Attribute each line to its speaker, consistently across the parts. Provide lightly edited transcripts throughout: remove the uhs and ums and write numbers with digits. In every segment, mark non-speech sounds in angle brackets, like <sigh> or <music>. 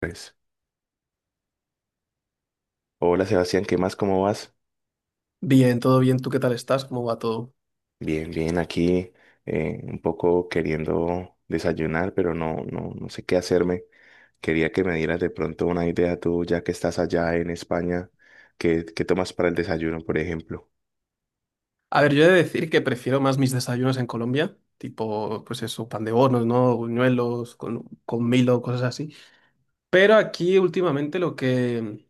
Speaker 1: Pues, hola Sebastián, ¿qué más? ¿Cómo vas?
Speaker 2: Bien, todo bien. ¿Tú qué tal estás? ¿Cómo va todo?
Speaker 1: Bien, bien, aquí un poco queriendo desayunar, pero no, no sé qué hacerme. Quería que me dieras de pronto una idea tú, ya que estás allá en España, ¿qué tomas para el desayuno, por ejemplo?
Speaker 2: A ver, yo he de decir que prefiero más mis desayunos en Colombia, tipo, pues eso, pan de bonos, ¿no? Buñuelos, con Milo, cosas así. Pero aquí últimamente lo que...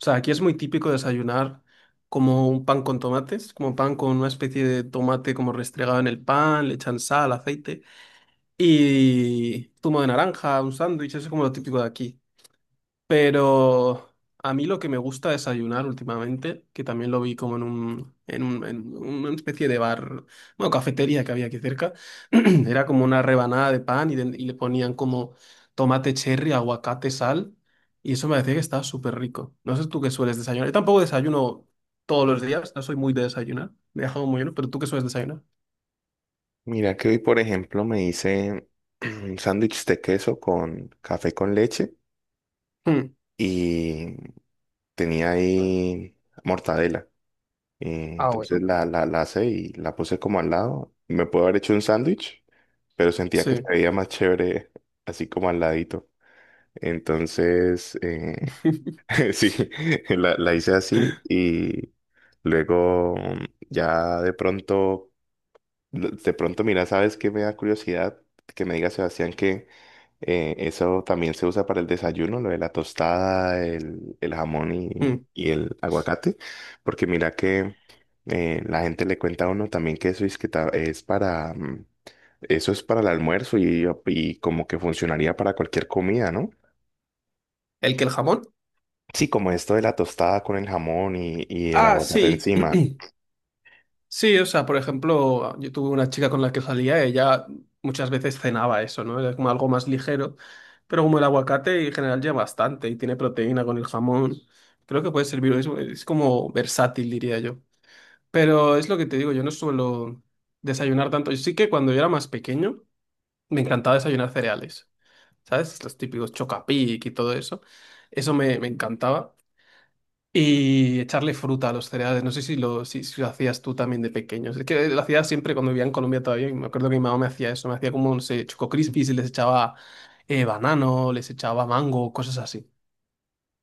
Speaker 2: O sea, aquí es muy típico desayunar como un pan con tomates, como pan con una especie de tomate como restregado en el pan, le echan sal, aceite y zumo de naranja, un sándwich, eso es como lo típico de aquí. Pero a mí lo que me gusta desayunar últimamente, que también lo vi como en un, en una especie de bar, bueno, cafetería que había aquí cerca, <clears throat> era como una rebanada de pan y le ponían como tomate cherry, aguacate, sal, y eso me decía que estaba súper rico. No sé tú qué sueles desayunar. Yo tampoco desayuno todos los días, no soy muy de desayunar, me he dejado muy lleno, pero tú qué sueles desayunar.
Speaker 1: Mira que hoy, por ejemplo, me hice <clears throat> un sándwich de queso con café con leche
Speaker 2: Mm.
Speaker 1: y tenía ahí mortadela.
Speaker 2: Ah,
Speaker 1: Entonces
Speaker 2: bueno.
Speaker 1: la asé y la puse como al lado. Me puedo haber hecho un sándwich, pero sentía que se
Speaker 2: Sí.
Speaker 1: veía más chévere así como al ladito. Entonces,
Speaker 2: <laughs>
Speaker 1: <laughs> sí, la hice así y luego ya de pronto De pronto, mira, ¿sabes qué me da curiosidad? Que me diga Sebastián que eso también se usa para el desayuno, lo de la tostada, el jamón
Speaker 2: Mm.
Speaker 1: y el aguacate. Porque mira que la gente le cuenta a uno también que eso es, es para, eso es para el almuerzo y como que funcionaría para cualquier comida, ¿no?
Speaker 2: ¿El que el jamón?
Speaker 1: Sí, como esto de la tostada con el jamón y el
Speaker 2: Ah,
Speaker 1: aguacate
Speaker 2: sí.
Speaker 1: encima.
Speaker 2: <clears throat> Sí, o sea, por ejemplo, yo tuve una chica con la que salía, ella muchas veces cenaba eso, ¿no? Era como algo más ligero, pero como el aguacate en general lleva bastante y tiene proteína con el jamón, creo que puede servir, es como versátil, diría yo. Pero es lo que te digo, yo no suelo desayunar tanto. Yo sí que cuando yo era más pequeño me encantaba desayunar cereales, ¿sabes? Los típicos Chocapic y todo eso, eso me encantaba. Y echarle fruta a los cereales. No sé si lo hacías tú también de pequeños. Es que lo hacía siempre cuando vivía en Colombia todavía, y me acuerdo que mi mamá me hacía eso. Me hacía como, no sé, Choco Crispies y les echaba banano, les echaba mango, cosas así.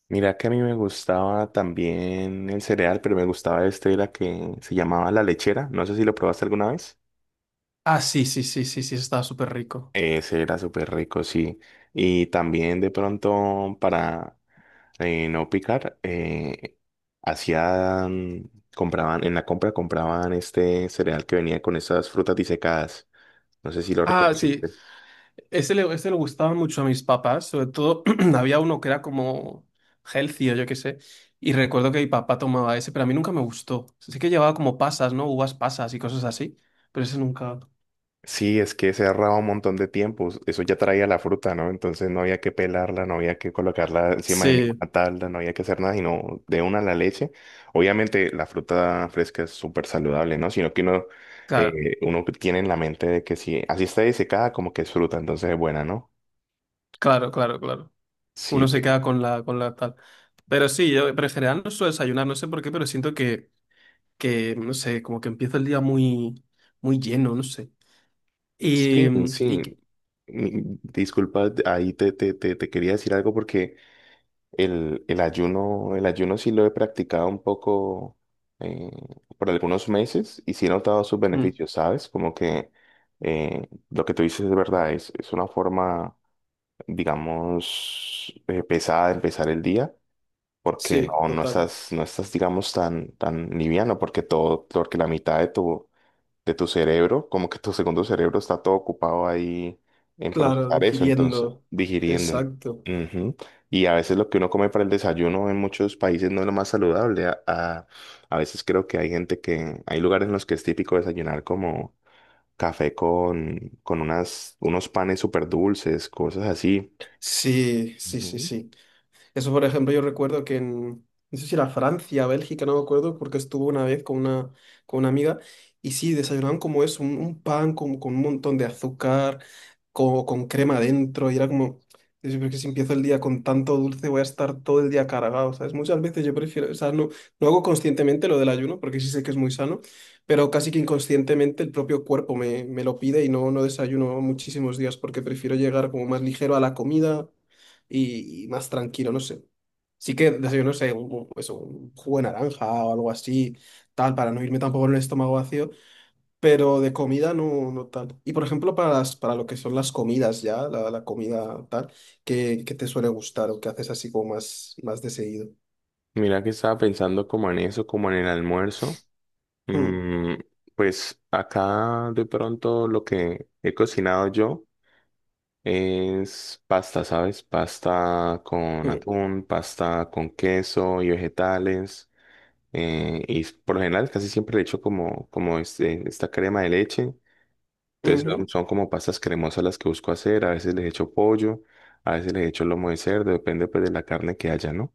Speaker 1: Mira que a mí me gustaba también el cereal, pero me gustaba este, era que se llamaba la lechera. No sé si lo probaste alguna vez.
Speaker 2: Ah, sí, sí, sí, sí, sí, eso estaba súper rico.
Speaker 1: Ese era súper rico, sí. Y también de pronto para no picar, hacían, compraban, en la compra compraban este cereal que venía con esas frutas disecadas. No sé si lo
Speaker 2: Ah, sí,
Speaker 1: reconociste.
Speaker 2: ese le gustaba mucho a mis papás. Sobre todo <clears throat> había uno que era como healthy o yo qué sé. Y recuerdo que mi papá tomaba ese, pero a mí nunca me gustó. Sí que llevaba como pasas, ¿no? Uvas pasas y cosas así. Pero ese nunca.
Speaker 1: Sí, es que se ahorraba un montón de tiempo. Eso ya traía la fruta, ¿no? Entonces no había que pelarla, no había que colocarla encima de
Speaker 2: Sí,
Speaker 1: ninguna tabla, no había que hacer nada, sino de una la leche. Obviamente la fruta fresca es súper saludable, ¿no? Sino que uno,
Speaker 2: claro.
Speaker 1: uno tiene en la mente de que si así está disecada, como que es fruta, entonces es buena, ¿no?
Speaker 2: Claro, claro, claro.
Speaker 1: Sí,
Speaker 2: Uno se
Speaker 1: te-
Speaker 2: queda con la tal. Pero sí, yo, pero en general no suelo desayunar, no sé por qué, pero siento que, no sé, como que empiezo el día muy, muy lleno, no sé.
Speaker 1: sí,
Speaker 2: Y, mm, y-
Speaker 1: sí. Disculpa, ahí te quería decir algo porque el ayuno sí lo he practicado un poco eh, por algunos meses y sí he notado sus
Speaker 2: mm,
Speaker 1: beneficios, ¿sabes? Como que lo que tú dices es verdad, es una forma, digamos, pesada de empezar el día, porque
Speaker 2: sí,
Speaker 1: no, no
Speaker 2: total.
Speaker 1: estás, no estás, digamos, tan, tan liviano, porque todo, porque la mitad de tu cerebro, como que tu segundo cerebro está todo ocupado ahí en
Speaker 2: Claro,
Speaker 1: procesar eso, entonces
Speaker 2: digiriendo.
Speaker 1: digiriendo.
Speaker 2: Exacto.
Speaker 1: Ujú. Y a veces lo que uno come para el desayuno en muchos países no es lo más saludable. A veces creo que hay gente que, hay lugares en los que es típico desayunar como café con unas, unos panes súper dulces, cosas así.
Speaker 2: Sí, sí, sí,
Speaker 1: Ujú.
Speaker 2: sí. Eso, por ejemplo, yo recuerdo que en, no sé si era Francia, Bélgica, no me acuerdo, porque estuve una vez con una amiga y sí, desayunaban como eso, un pan con un montón de azúcar, con, crema dentro, y era como, yo creo que si empiezo el día con tanto dulce voy a estar todo el día cargado, ¿sabes? Muchas veces yo prefiero, o sea, no, no hago conscientemente lo del ayuno, porque sí sé que es muy sano, pero casi que inconscientemente el propio cuerpo me lo pide y no, no desayuno muchísimos días porque prefiero llegar como más ligero a la comida y más tranquilo, no sé. Sí que desayuno, no sé, eso, un jugo de naranja o algo así, tal, para no irme tampoco con el estómago vacío, pero de comida no, no tal. Y por ejemplo, para lo que son las comidas ya, la comida tal, qué te suele gustar o qué haces así como más, más de seguido.
Speaker 1: Mira que estaba pensando como en eso, como en el almuerzo.
Speaker 2: Mm,
Speaker 1: Mm, pues acá de pronto lo que he cocinado yo. Es pasta, ¿sabes? Pasta con
Speaker 2: mm,
Speaker 1: atún, pasta con queso y vegetales. Por lo general casi siempre le echo como, como este, esta crema de leche. Entonces son,
Speaker 2: ujú,
Speaker 1: son como pastas cremosas las que busco hacer. A veces les echo pollo, a veces les echo lomo de cerdo, depende pues de la carne que haya, ¿no?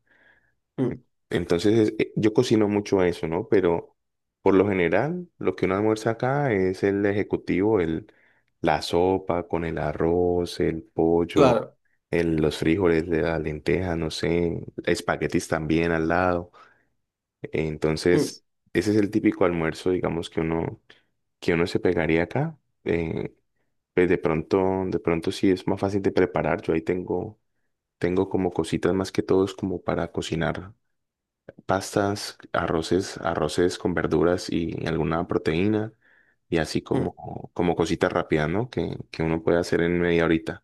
Speaker 2: mm,
Speaker 1: Entonces, yo cocino mucho eso, ¿no? Pero por lo general, lo que uno almuerza acá es el ejecutivo, la sopa con el arroz, el pollo,
Speaker 2: claro.
Speaker 1: los frijoles, de la lenteja, no sé, espaguetis también al lado.
Speaker 2: Mm,
Speaker 1: Entonces, ese es el típico almuerzo, digamos, que uno se pegaría acá. Eh, pues de pronto sí es más fácil de preparar. Tengo como cositas más que todo es como para cocinar pastas, arroces, arroces con verduras y alguna proteína y así
Speaker 2: mm.
Speaker 1: como, como cositas rápidas, ¿no? Que uno puede hacer en media horita.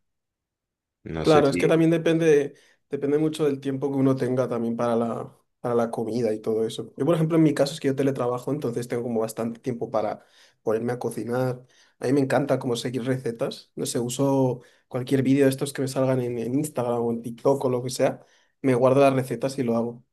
Speaker 1: No sé
Speaker 2: Claro, es
Speaker 1: si...
Speaker 2: que también depende, mucho del tiempo que uno tenga también para la comida y todo eso. Yo, por ejemplo, en mi caso es que yo teletrabajo, entonces tengo como bastante tiempo para ponerme a cocinar. A mí me encanta como seguir recetas. No sé, uso cualquier vídeo de estos que me salgan en Instagram o en TikTok o lo que sea. Me guardo las recetas y lo hago.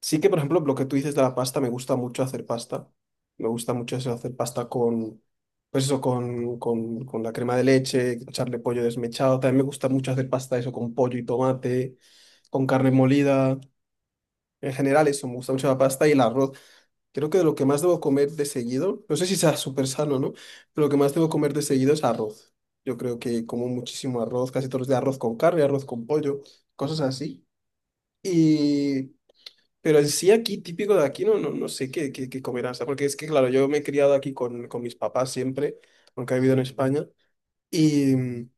Speaker 2: Sí que, por ejemplo, lo que tú dices de la pasta, me gusta mucho hacer pasta. Me gusta mucho eso, hacer pasta con, pues eso, con la crema de leche, echarle pollo desmechado. También me gusta mucho hacer pasta eso con pollo y tomate, con carne molida. En general eso, me gusta mucho la pasta y el arroz. Creo que de lo que más debo comer de seguido, no sé si sea <laughs> súper sano, ¿no? Pero lo que más debo comer de seguido es arroz. Yo creo que como muchísimo arroz, casi todos los días arroz con carne, arroz con pollo, cosas así. Y pero en sí aquí, típico de aquí, no, no, no sé qué comerán. O sea, porque es que, claro, yo me he criado aquí con mis papás siempre, aunque he vivido en España, y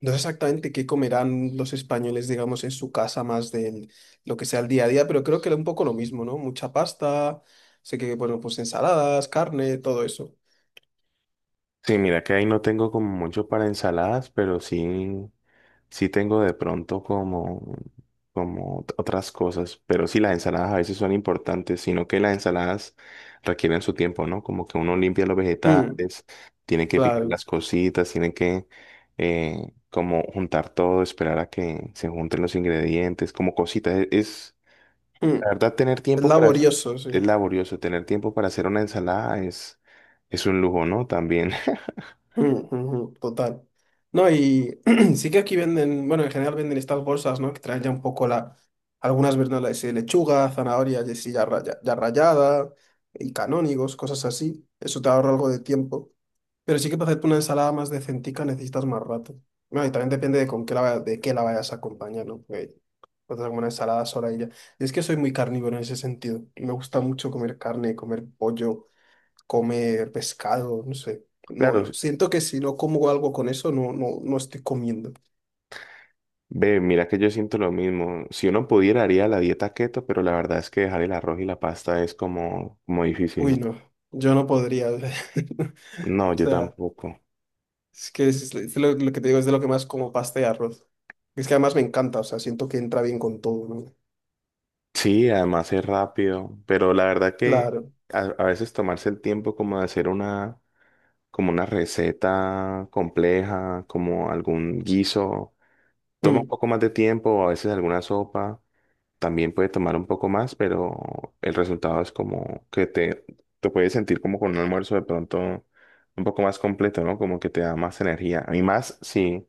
Speaker 2: no sé exactamente qué comerán los españoles, digamos, en su casa más de lo que sea el día a día, pero creo que era un poco lo mismo, ¿no? Mucha pasta, sé que, bueno, pues ensaladas, carne, todo eso.
Speaker 1: Sí, mira que ahí no tengo como mucho para ensaladas, pero sí sí tengo de pronto como, otras cosas, pero sí las ensaladas a veces son importantes, sino que las ensaladas requieren su tiempo, ¿no? Como que uno limpia los
Speaker 2: Mm,
Speaker 1: vegetales, tiene que picar
Speaker 2: claro.
Speaker 1: las cositas, tiene que como juntar todo, esperar a que se junten los ingredientes, como cositas.
Speaker 2: Mm,
Speaker 1: La verdad, tener
Speaker 2: es
Speaker 1: tiempo para,
Speaker 2: laborioso, sí.
Speaker 1: es laborioso, tener tiempo para hacer una ensalada es un lujo, ¿no? También. <laughs>
Speaker 2: Mm, mhm. Total. No, y <clears throat> sí que aquí venden, bueno, en general venden estas bolsas, ¿no? Que traen ya un poco la, algunas verduras de lechuga, zanahoria y así ya, ya rallada, y canónigos, cosas así. Eso te ahorra algo de tiempo. Pero sí que para hacerte una ensalada más decentica necesitas más rato. Bueno, y también depende de con qué la, vaya- de qué la vayas a acompañar, ¿no? Porque puedes hacer como una ensalada sola y ya. Y es que soy muy carnívoro en ese sentido. Me gusta mucho comer carne, comer pollo comer pescado, no sé. No,
Speaker 1: Claro,
Speaker 2: no, siento que si no como algo con eso, no, no, no estoy comiendo.
Speaker 1: ve, mira que yo siento lo mismo. Si uno pudiera, haría la dieta keto, pero la verdad es que dejar el arroz y la pasta es como, como difícil, ¿no?
Speaker 2: Uy, no, yo no podría. <laughs> O
Speaker 1: No, yo
Speaker 2: sea,
Speaker 1: tampoco.
Speaker 2: es que es lo que te digo es de lo que más como pasta y arroz. Es que además me encanta, o sea, siento que entra bien con todo, ¿no?
Speaker 1: Sí, además es rápido, pero la verdad que
Speaker 2: Claro.
Speaker 1: a veces tomarse el tiempo como de hacer una, como una receta compleja, como algún guiso, toma un
Speaker 2: Mm,
Speaker 1: poco más de tiempo, o a veces alguna sopa. También puede tomar un poco más, pero el resultado es como que te puedes sentir como con un almuerzo de pronto un poco más completo, ¿no? Como que te da más energía. A mí más si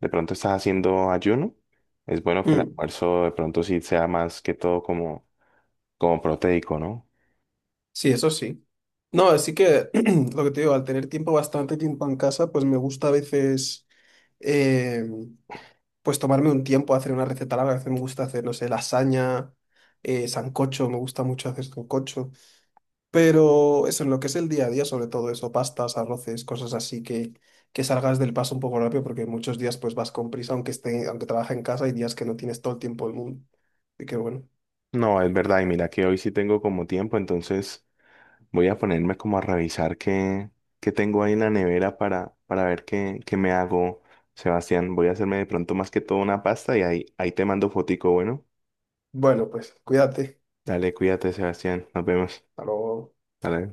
Speaker 1: de pronto estás haciendo ayuno, es bueno que el
Speaker 2: mm.
Speaker 1: almuerzo de pronto sí sea más que todo como, como proteico, ¿no?
Speaker 2: Sí, eso sí. No, así que <clears throat> lo que te digo, al tener tiempo, bastante tiempo en casa, pues me gusta a veces... em, pues tomarme un tiempo a hacer una receta larga. A veces me gusta hacer, no sé, lasaña, sancocho, me gusta mucho hacer sancocho. Pero eso, en lo que es el día a día, sobre todo eso, pastas, arroces, cosas así que salgas del paso un poco rápido, porque muchos días pues vas con prisa, aunque trabajes en casa, hay días que no tienes todo el tiempo del mundo. Así que bueno.
Speaker 1: No, es verdad, y mira que hoy sí tengo como tiempo, entonces... Voy a ponerme como a revisar qué, qué tengo ahí en la nevera para ver qué, qué me hago, Sebastián. Voy a hacerme de pronto más que todo una pasta y ahí, ahí te mando fotico, bueno.
Speaker 2: Bueno, pues cuídate.
Speaker 1: Dale, cuídate, Sebastián. Nos vemos.
Speaker 2: Hasta luego.
Speaker 1: Dale.